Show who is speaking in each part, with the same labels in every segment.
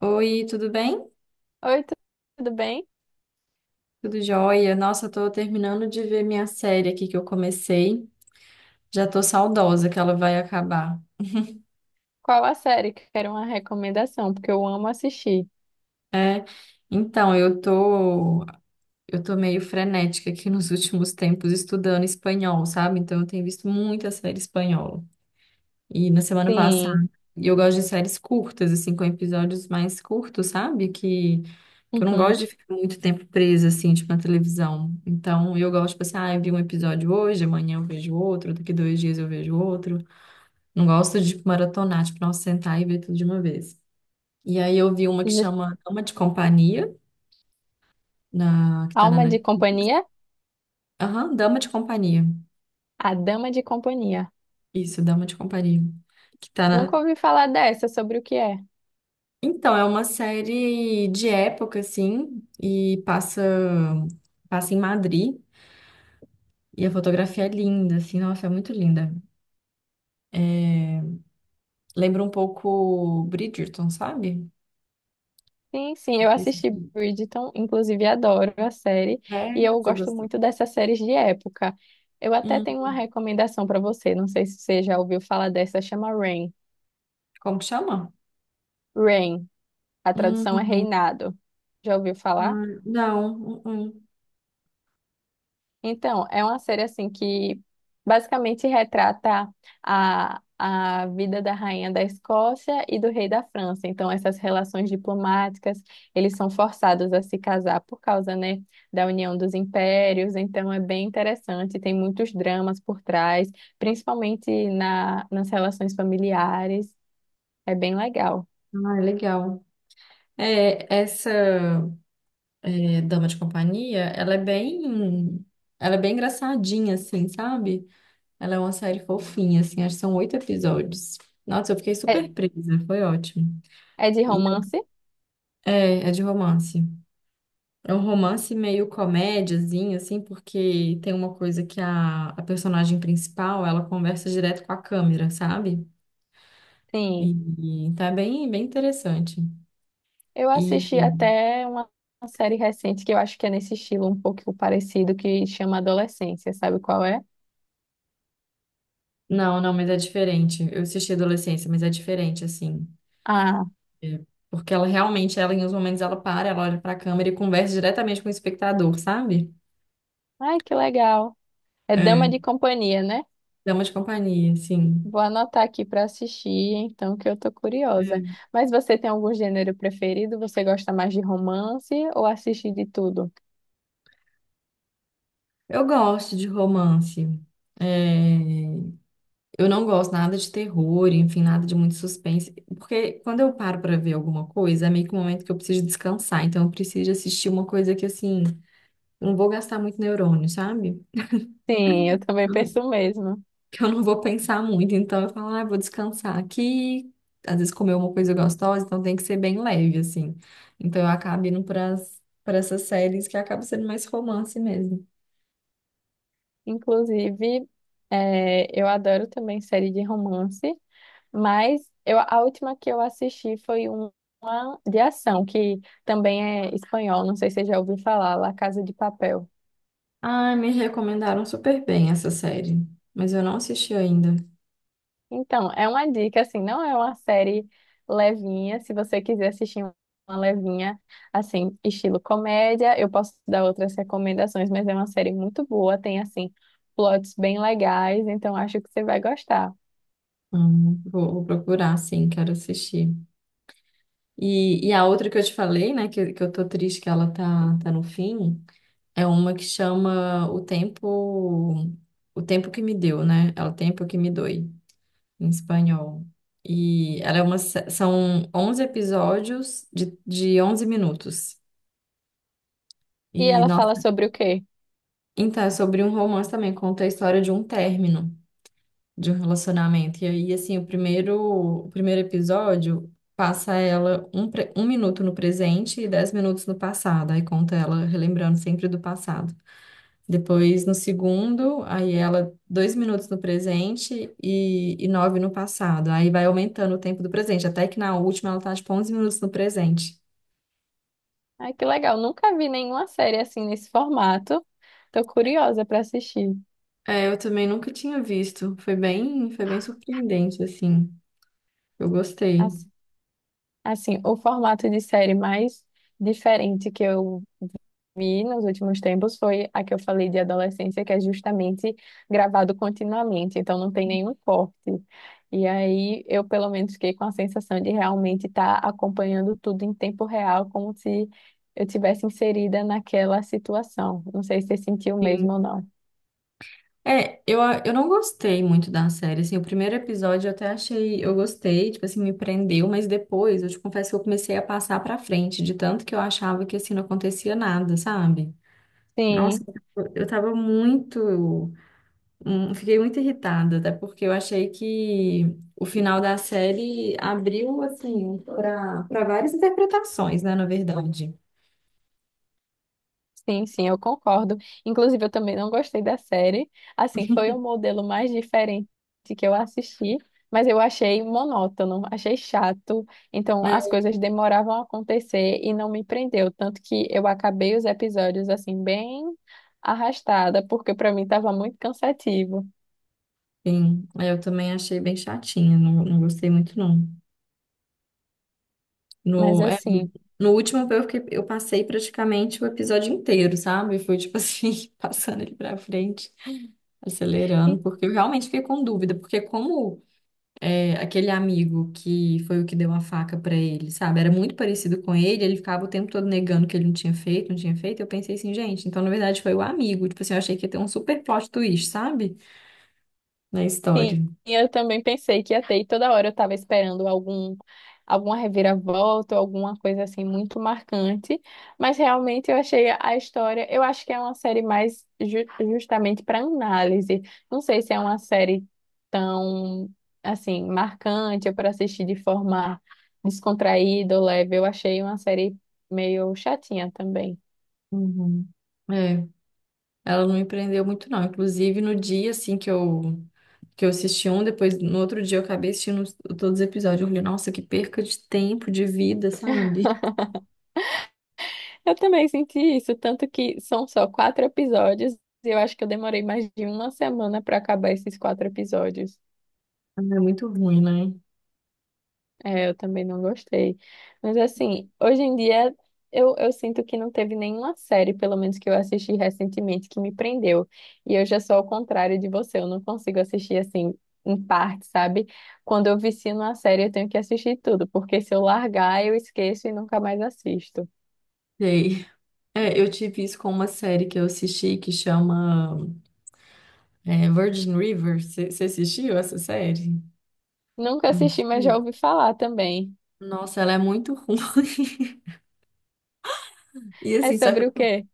Speaker 1: Oi, tudo bem?
Speaker 2: Oi, tudo bem?
Speaker 1: Tudo jóia? Nossa, eu tô terminando de ver minha série aqui que eu comecei. Já tô saudosa que ela vai acabar.
Speaker 2: Qual a série que quero uma recomendação? Porque eu amo assistir.
Speaker 1: É, então, eu tô meio frenética aqui nos últimos tempos estudando espanhol, sabe? Então, eu tenho visto muita série espanhola. E na semana
Speaker 2: Sim.
Speaker 1: passada, e eu gosto de séries curtas, assim, com episódios mais curtos, sabe? Que eu não gosto de
Speaker 2: Uhum.
Speaker 1: ficar muito tempo presa, assim, tipo, na televisão. Então, eu gosto, tipo assim, ah, eu vi um episódio hoje, amanhã eu vejo outro, daqui 2 dias eu vejo outro. Não gosto de, tipo, maratonar, tipo, não sentar e ver tudo de uma vez. E aí eu vi uma que
Speaker 2: J-
Speaker 1: chama Dama de Companhia, que tá na
Speaker 2: Alma de
Speaker 1: Netflix.
Speaker 2: Companhia?
Speaker 1: Aham, Dama de Companhia.
Speaker 2: A Dama de Companhia.
Speaker 1: Isso, Dama de Companhia. Que tá na,
Speaker 2: Nunca ouvi falar dessa, sobre o que é.
Speaker 1: Então, é uma série de época, assim, e passa em Madrid. E a fotografia é linda, assim, nossa, é muito linda. Lembra um pouco Bridgerton, sabe?
Speaker 2: Sim, sim, eu
Speaker 1: Esse
Speaker 2: assisti
Speaker 1: filme.
Speaker 2: Bridgerton, inclusive adoro a série, e
Speaker 1: É,
Speaker 2: eu
Speaker 1: você
Speaker 2: gosto
Speaker 1: gostou?
Speaker 2: muito dessas séries de época. Eu até
Speaker 1: Hum,
Speaker 2: tenho uma recomendação para você, não sei se você já ouviu falar dessa, chama Reign.
Speaker 1: Como que chama?
Speaker 2: Reign, a tradução é
Speaker 1: Não.
Speaker 2: reinado. Já ouviu falar?
Speaker 1: Ah, não. Hum, hum.
Speaker 2: Então, é uma série assim que basicamente retrata a vida da rainha da Escócia e do rei da França. Então, essas relações diplomáticas, eles são forçados a se casar por causa, né, da união dos impérios. Então, é bem interessante, tem muitos dramas por trás, principalmente nas relações familiares. É bem legal.
Speaker 1: Ah, é legal. É, essa é, Dama de Companhia, ela é bem engraçadinha, assim, sabe? Ela é uma série fofinha, assim, acho que são oito episódios. Nossa, eu fiquei
Speaker 2: É,
Speaker 1: super presa, foi ótimo.
Speaker 2: é de
Speaker 1: E
Speaker 2: romance?
Speaker 1: é de romance. É um romance meio comédiazinho, assim, porque tem uma coisa que a personagem principal, ela conversa direto com a câmera, sabe?
Speaker 2: Sim.
Speaker 1: E tá bem interessante.
Speaker 2: Eu assisti
Speaker 1: E
Speaker 2: até uma série recente que eu acho que é nesse estilo um pouco parecido, que chama Adolescência, sabe qual é?
Speaker 1: não, não, mas é diferente. Eu assisti Adolescência, mas é diferente, assim.
Speaker 2: Ah,
Speaker 1: É, porque ela em uns momentos ela para, ela olha pra câmera e conversa diretamente com o espectador, sabe?
Speaker 2: ai que legal. É Dama
Speaker 1: É.
Speaker 2: de Companhia, né?
Speaker 1: Dama de companhia, sim.
Speaker 2: Vou anotar aqui para assistir, então, que eu tô curiosa.
Speaker 1: É.
Speaker 2: Mas você tem algum gênero preferido? Você gosta mais de romance ou assiste de tudo?
Speaker 1: Eu gosto de romance. É, eu não gosto nada de terror, enfim, nada de muito suspense. Porque quando eu paro pra ver alguma coisa, é meio que um momento que eu preciso descansar. Então eu preciso assistir uma coisa que, assim, eu não vou gastar muito neurônio, sabe?
Speaker 2: Sim, eu também
Speaker 1: Eu não-
Speaker 2: penso o mesmo.
Speaker 1: Que eu não vou pensar muito. Então eu falo, ah, eu vou descansar aqui. Às vezes comer uma coisa gostosa, então tem que ser bem leve, assim. Então eu acabo indo para essas séries que acabam sendo mais romance mesmo.
Speaker 2: Inclusive, eu adoro também série de romance. Mas eu, a última que eu assisti uma de ação, que também é espanhol, não sei se você já ouviu falar, La Casa de Papel.
Speaker 1: Ai, me recomendaram super bem essa série, mas eu não assisti ainda.
Speaker 2: Então, é uma dica, assim, não é uma série levinha, se você quiser assistir uma levinha, assim, estilo comédia, eu posso dar outras recomendações, mas é uma série muito boa, tem, assim, plots bem legais, então acho que você vai gostar.
Speaker 1: Vou procurar, sim, quero assistir. E a outra que eu te falei, né, que eu tô triste que ela tá no fim, é uma que chama O Tempo que Me Deu, né? É o Tempo que Me Doi, em espanhol. E ela é uma, são 11 episódios de 11 minutos.
Speaker 2: E
Speaker 1: E,
Speaker 2: ela fala
Speaker 1: nossa,
Speaker 2: sobre o quê?
Speaker 1: então, é sobre um romance também, conta a história de um término de um relacionamento. E aí, assim, o primeiro episódio passa ela 1 minuto no presente e 10 minutos no passado. Aí conta ela relembrando sempre do passado. Depois, no segundo, aí ela 2 minutos no presente e nove no passado. Aí vai aumentando o tempo do presente, até que na última ela tá, tipo, 11 minutos no presente.
Speaker 2: Ai, que legal, nunca vi nenhuma série assim nesse formato, tô curiosa para assistir.
Speaker 1: É, eu também nunca tinha visto. Foi bem surpreendente, assim. Eu gostei.
Speaker 2: Assim, assim, o formato de série mais diferente que eu vi nos últimos tempos foi a que eu falei de adolescência, que é justamente gravado continuamente, então não tem nenhum corte. E aí eu, pelo menos, fiquei com a sensação de realmente estar acompanhando tudo em tempo real, como se eu tivesse inserida naquela situação. Não sei se você sentiu mesmo ou
Speaker 1: Sim.
Speaker 2: não.
Speaker 1: É, eu não gostei muito da série, assim, o primeiro episódio eu até achei, eu gostei, tipo assim, me prendeu, mas depois, eu te confesso que eu comecei a passar pra frente, de tanto que eu achava que, assim, não acontecia nada, sabe? Nossa,
Speaker 2: Sim.
Speaker 1: eu tava muito, fiquei muito irritada, até porque eu achei que o final da série abriu, assim, para várias interpretações, né, na verdade.
Speaker 2: Sim, sim, eu concordo. Inclusive, eu também não gostei da série. Assim, foi o modelo mais diferente que eu assisti, mas eu achei monótono, achei chato. Então, as
Speaker 1: É,
Speaker 2: coisas demoravam a acontecer e não me prendeu. Tanto que eu acabei os episódios, assim, bem arrastada, porque para mim estava muito cansativo.
Speaker 1: enfim, eu também achei bem chatinha, não, não gostei muito, não.
Speaker 2: Mas,
Speaker 1: No, é, no
Speaker 2: assim.
Speaker 1: no último eu passei praticamente o episódio inteiro, sabe? Foi tipo assim, passando ele pra frente, acelerando, porque eu realmente fiquei com dúvida, porque como é, aquele amigo que foi o que deu a faca pra ele, sabe? Era muito parecido com ele, ele ficava o tempo todo negando que ele não tinha feito, não tinha feito, eu pensei assim, gente, então na verdade foi o amigo, tipo assim, eu achei que ia ter um super plot twist, sabe? Na história.
Speaker 2: Sim, eu também pensei que ia ter, e toda hora eu estava esperando algum, alguma reviravolta, ou alguma coisa assim muito marcante, mas realmente eu achei a história, eu acho que é uma série mais justamente para análise. Não sei se é uma série tão assim marcante ou para assistir de forma descontraída ou leve. Eu achei uma série meio chatinha também.
Speaker 1: Uhum. É. Ela não me prendeu muito, não. Inclusive, no dia, assim, que eu assisti um, depois, no outro dia, eu acabei assistindo todos os episódios. Eu falei, nossa, que perca de tempo, de vida, sabe?
Speaker 2: Eu também senti isso, tanto que são só quatro episódios, e eu acho que eu demorei mais de uma semana para acabar esses quatro episódios.
Speaker 1: Ah, é muito ruim, né?
Speaker 2: É, eu também não gostei. Mas assim, hoje em dia eu sinto que não teve nenhuma série, pelo menos que eu assisti recentemente, que me prendeu. E eu já sou ao contrário de você, eu não consigo assistir assim em parte, sabe? Quando eu vicio numa série, eu tenho que assistir tudo, porque se eu largar, eu esqueço e nunca mais assisto.
Speaker 1: Sei. É, eu tive isso com uma série que eu assisti que chama Virgin River. Você assistiu essa série?
Speaker 2: Nunca
Speaker 1: Não.
Speaker 2: assisti, mas já ouvi falar também.
Speaker 1: Nossa, ela é muito ruim. E
Speaker 2: É
Speaker 1: assim, só que
Speaker 2: sobre o
Speaker 1: eu
Speaker 2: quê?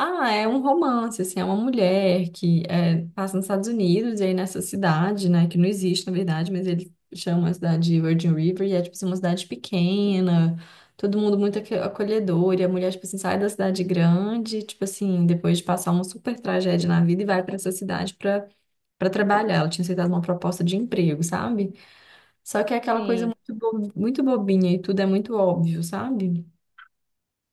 Speaker 1: ah, é um romance, assim, é uma mulher que é, passa nos Estados Unidos e aí nessa cidade, né, que não existe na verdade, mas ele chama a cidade de Virgin River e é, tipo assim, uma cidade pequena, todo mundo muito acolhedor e a mulher, tipo assim, sai da cidade grande, tipo assim, depois de passar uma super tragédia na vida e vai pra essa cidade pra, trabalhar. Ela tinha aceitado uma proposta de emprego, sabe? Só que é aquela coisa
Speaker 2: Sim.
Speaker 1: muito, muito bobinha e tudo é muito óbvio, sabe?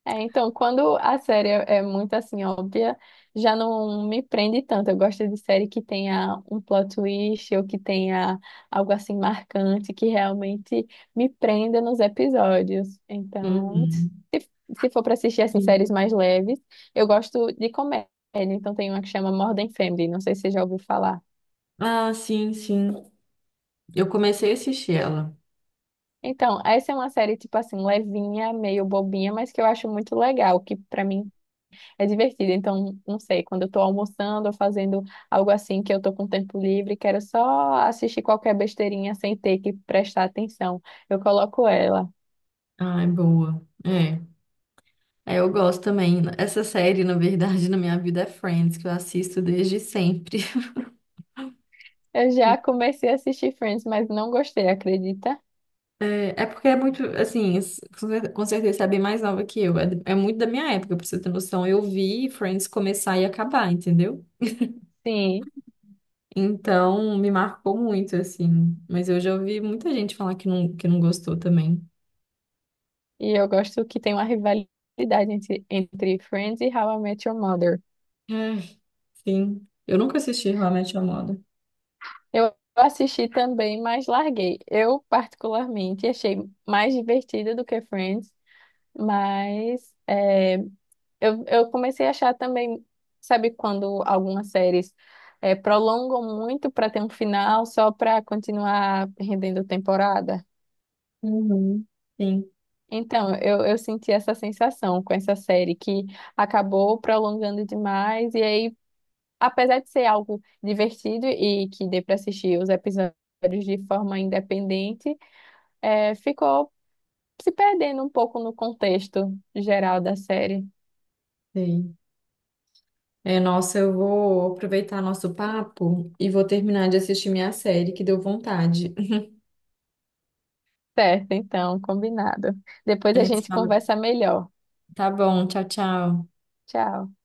Speaker 2: É, então, quando a série é muito assim óbvia, já não me prende tanto. Eu gosto de série que tenha um plot twist ou que tenha algo assim marcante que realmente me prenda nos episódios. Então,
Speaker 1: Uhum.
Speaker 2: se for para assistir assim
Speaker 1: Sim.
Speaker 2: séries mais leves, eu gosto de comédia. Então, tem uma que chama Modern Family, não sei se você já ouviu falar.
Speaker 1: Ah, sim, sim. Eu comecei a assistir ela.
Speaker 2: Então, essa é uma série tipo assim levinha, meio bobinha, mas que eu acho muito legal, que para mim é divertido, então, não sei, quando eu tô almoçando ou fazendo algo assim que eu tô com tempo livre, quero só assistir qualquer besteirinha sem ter que prestar atenção. Eu coloco ela.
Speaker 1: Ai, boa. É. É, eu gosto também. Essa série, na verdade, na minha vida é Friends, que eu assisto desde sempre.
Speaker 2: Eu já comecei a assistir Friends, mas não gostei, acredita?
Speaker 1: É porque é muito, assim, com certeza você é bem mais nova que eu. É muito da minha época, pra você ter noção. Eu vi Friends começar e acabar, entendeu?
Speaker 2: Sim,
Speaker 1: Então, me marcou muito, assim. Mas eu já ouvi muita gente falar que não, gostou também.
Speaker 2: e eu gosto que tem uma rivalidade entre Friends e How I Met Your Mother.
Speaker 1: É, sim. Eu nunca assisti How I Met Your Mother.
Speaker 2: Eu assisti também, mas larguei. Eu, particularmente, achei mais divertida do que Friends, mas. Eu comecei a achar também, sabe, quando algumas séries prolongam muito para ter um final só para continuar rendendo temporada?
Speaker 1: Uhum. Sim,
Speaker 2: Então, eu senti essa sensação com essa série que acabou prolongando demais, e aí, apesar de ser algo divertido e que dê para assistir os episódios de forma independente, ficou se perdendo um pouco no contexto geral da série.
Speaker 1: sei. É, nossa, eu vou aproveitar nosso papo e vou terminar de assistir minha série, que deu vontade.
Speaker 2: Certo, então, combinado. Depois
Speaker 1: A
Speaker 2: a
Speaker 1: gente se
Speaker 2: gente
Speaker 1: fala.
Speaker 2: conversa melhor.
Speaker 1: Tá bom, tchau, tchau.
Speaker 2: Tchau.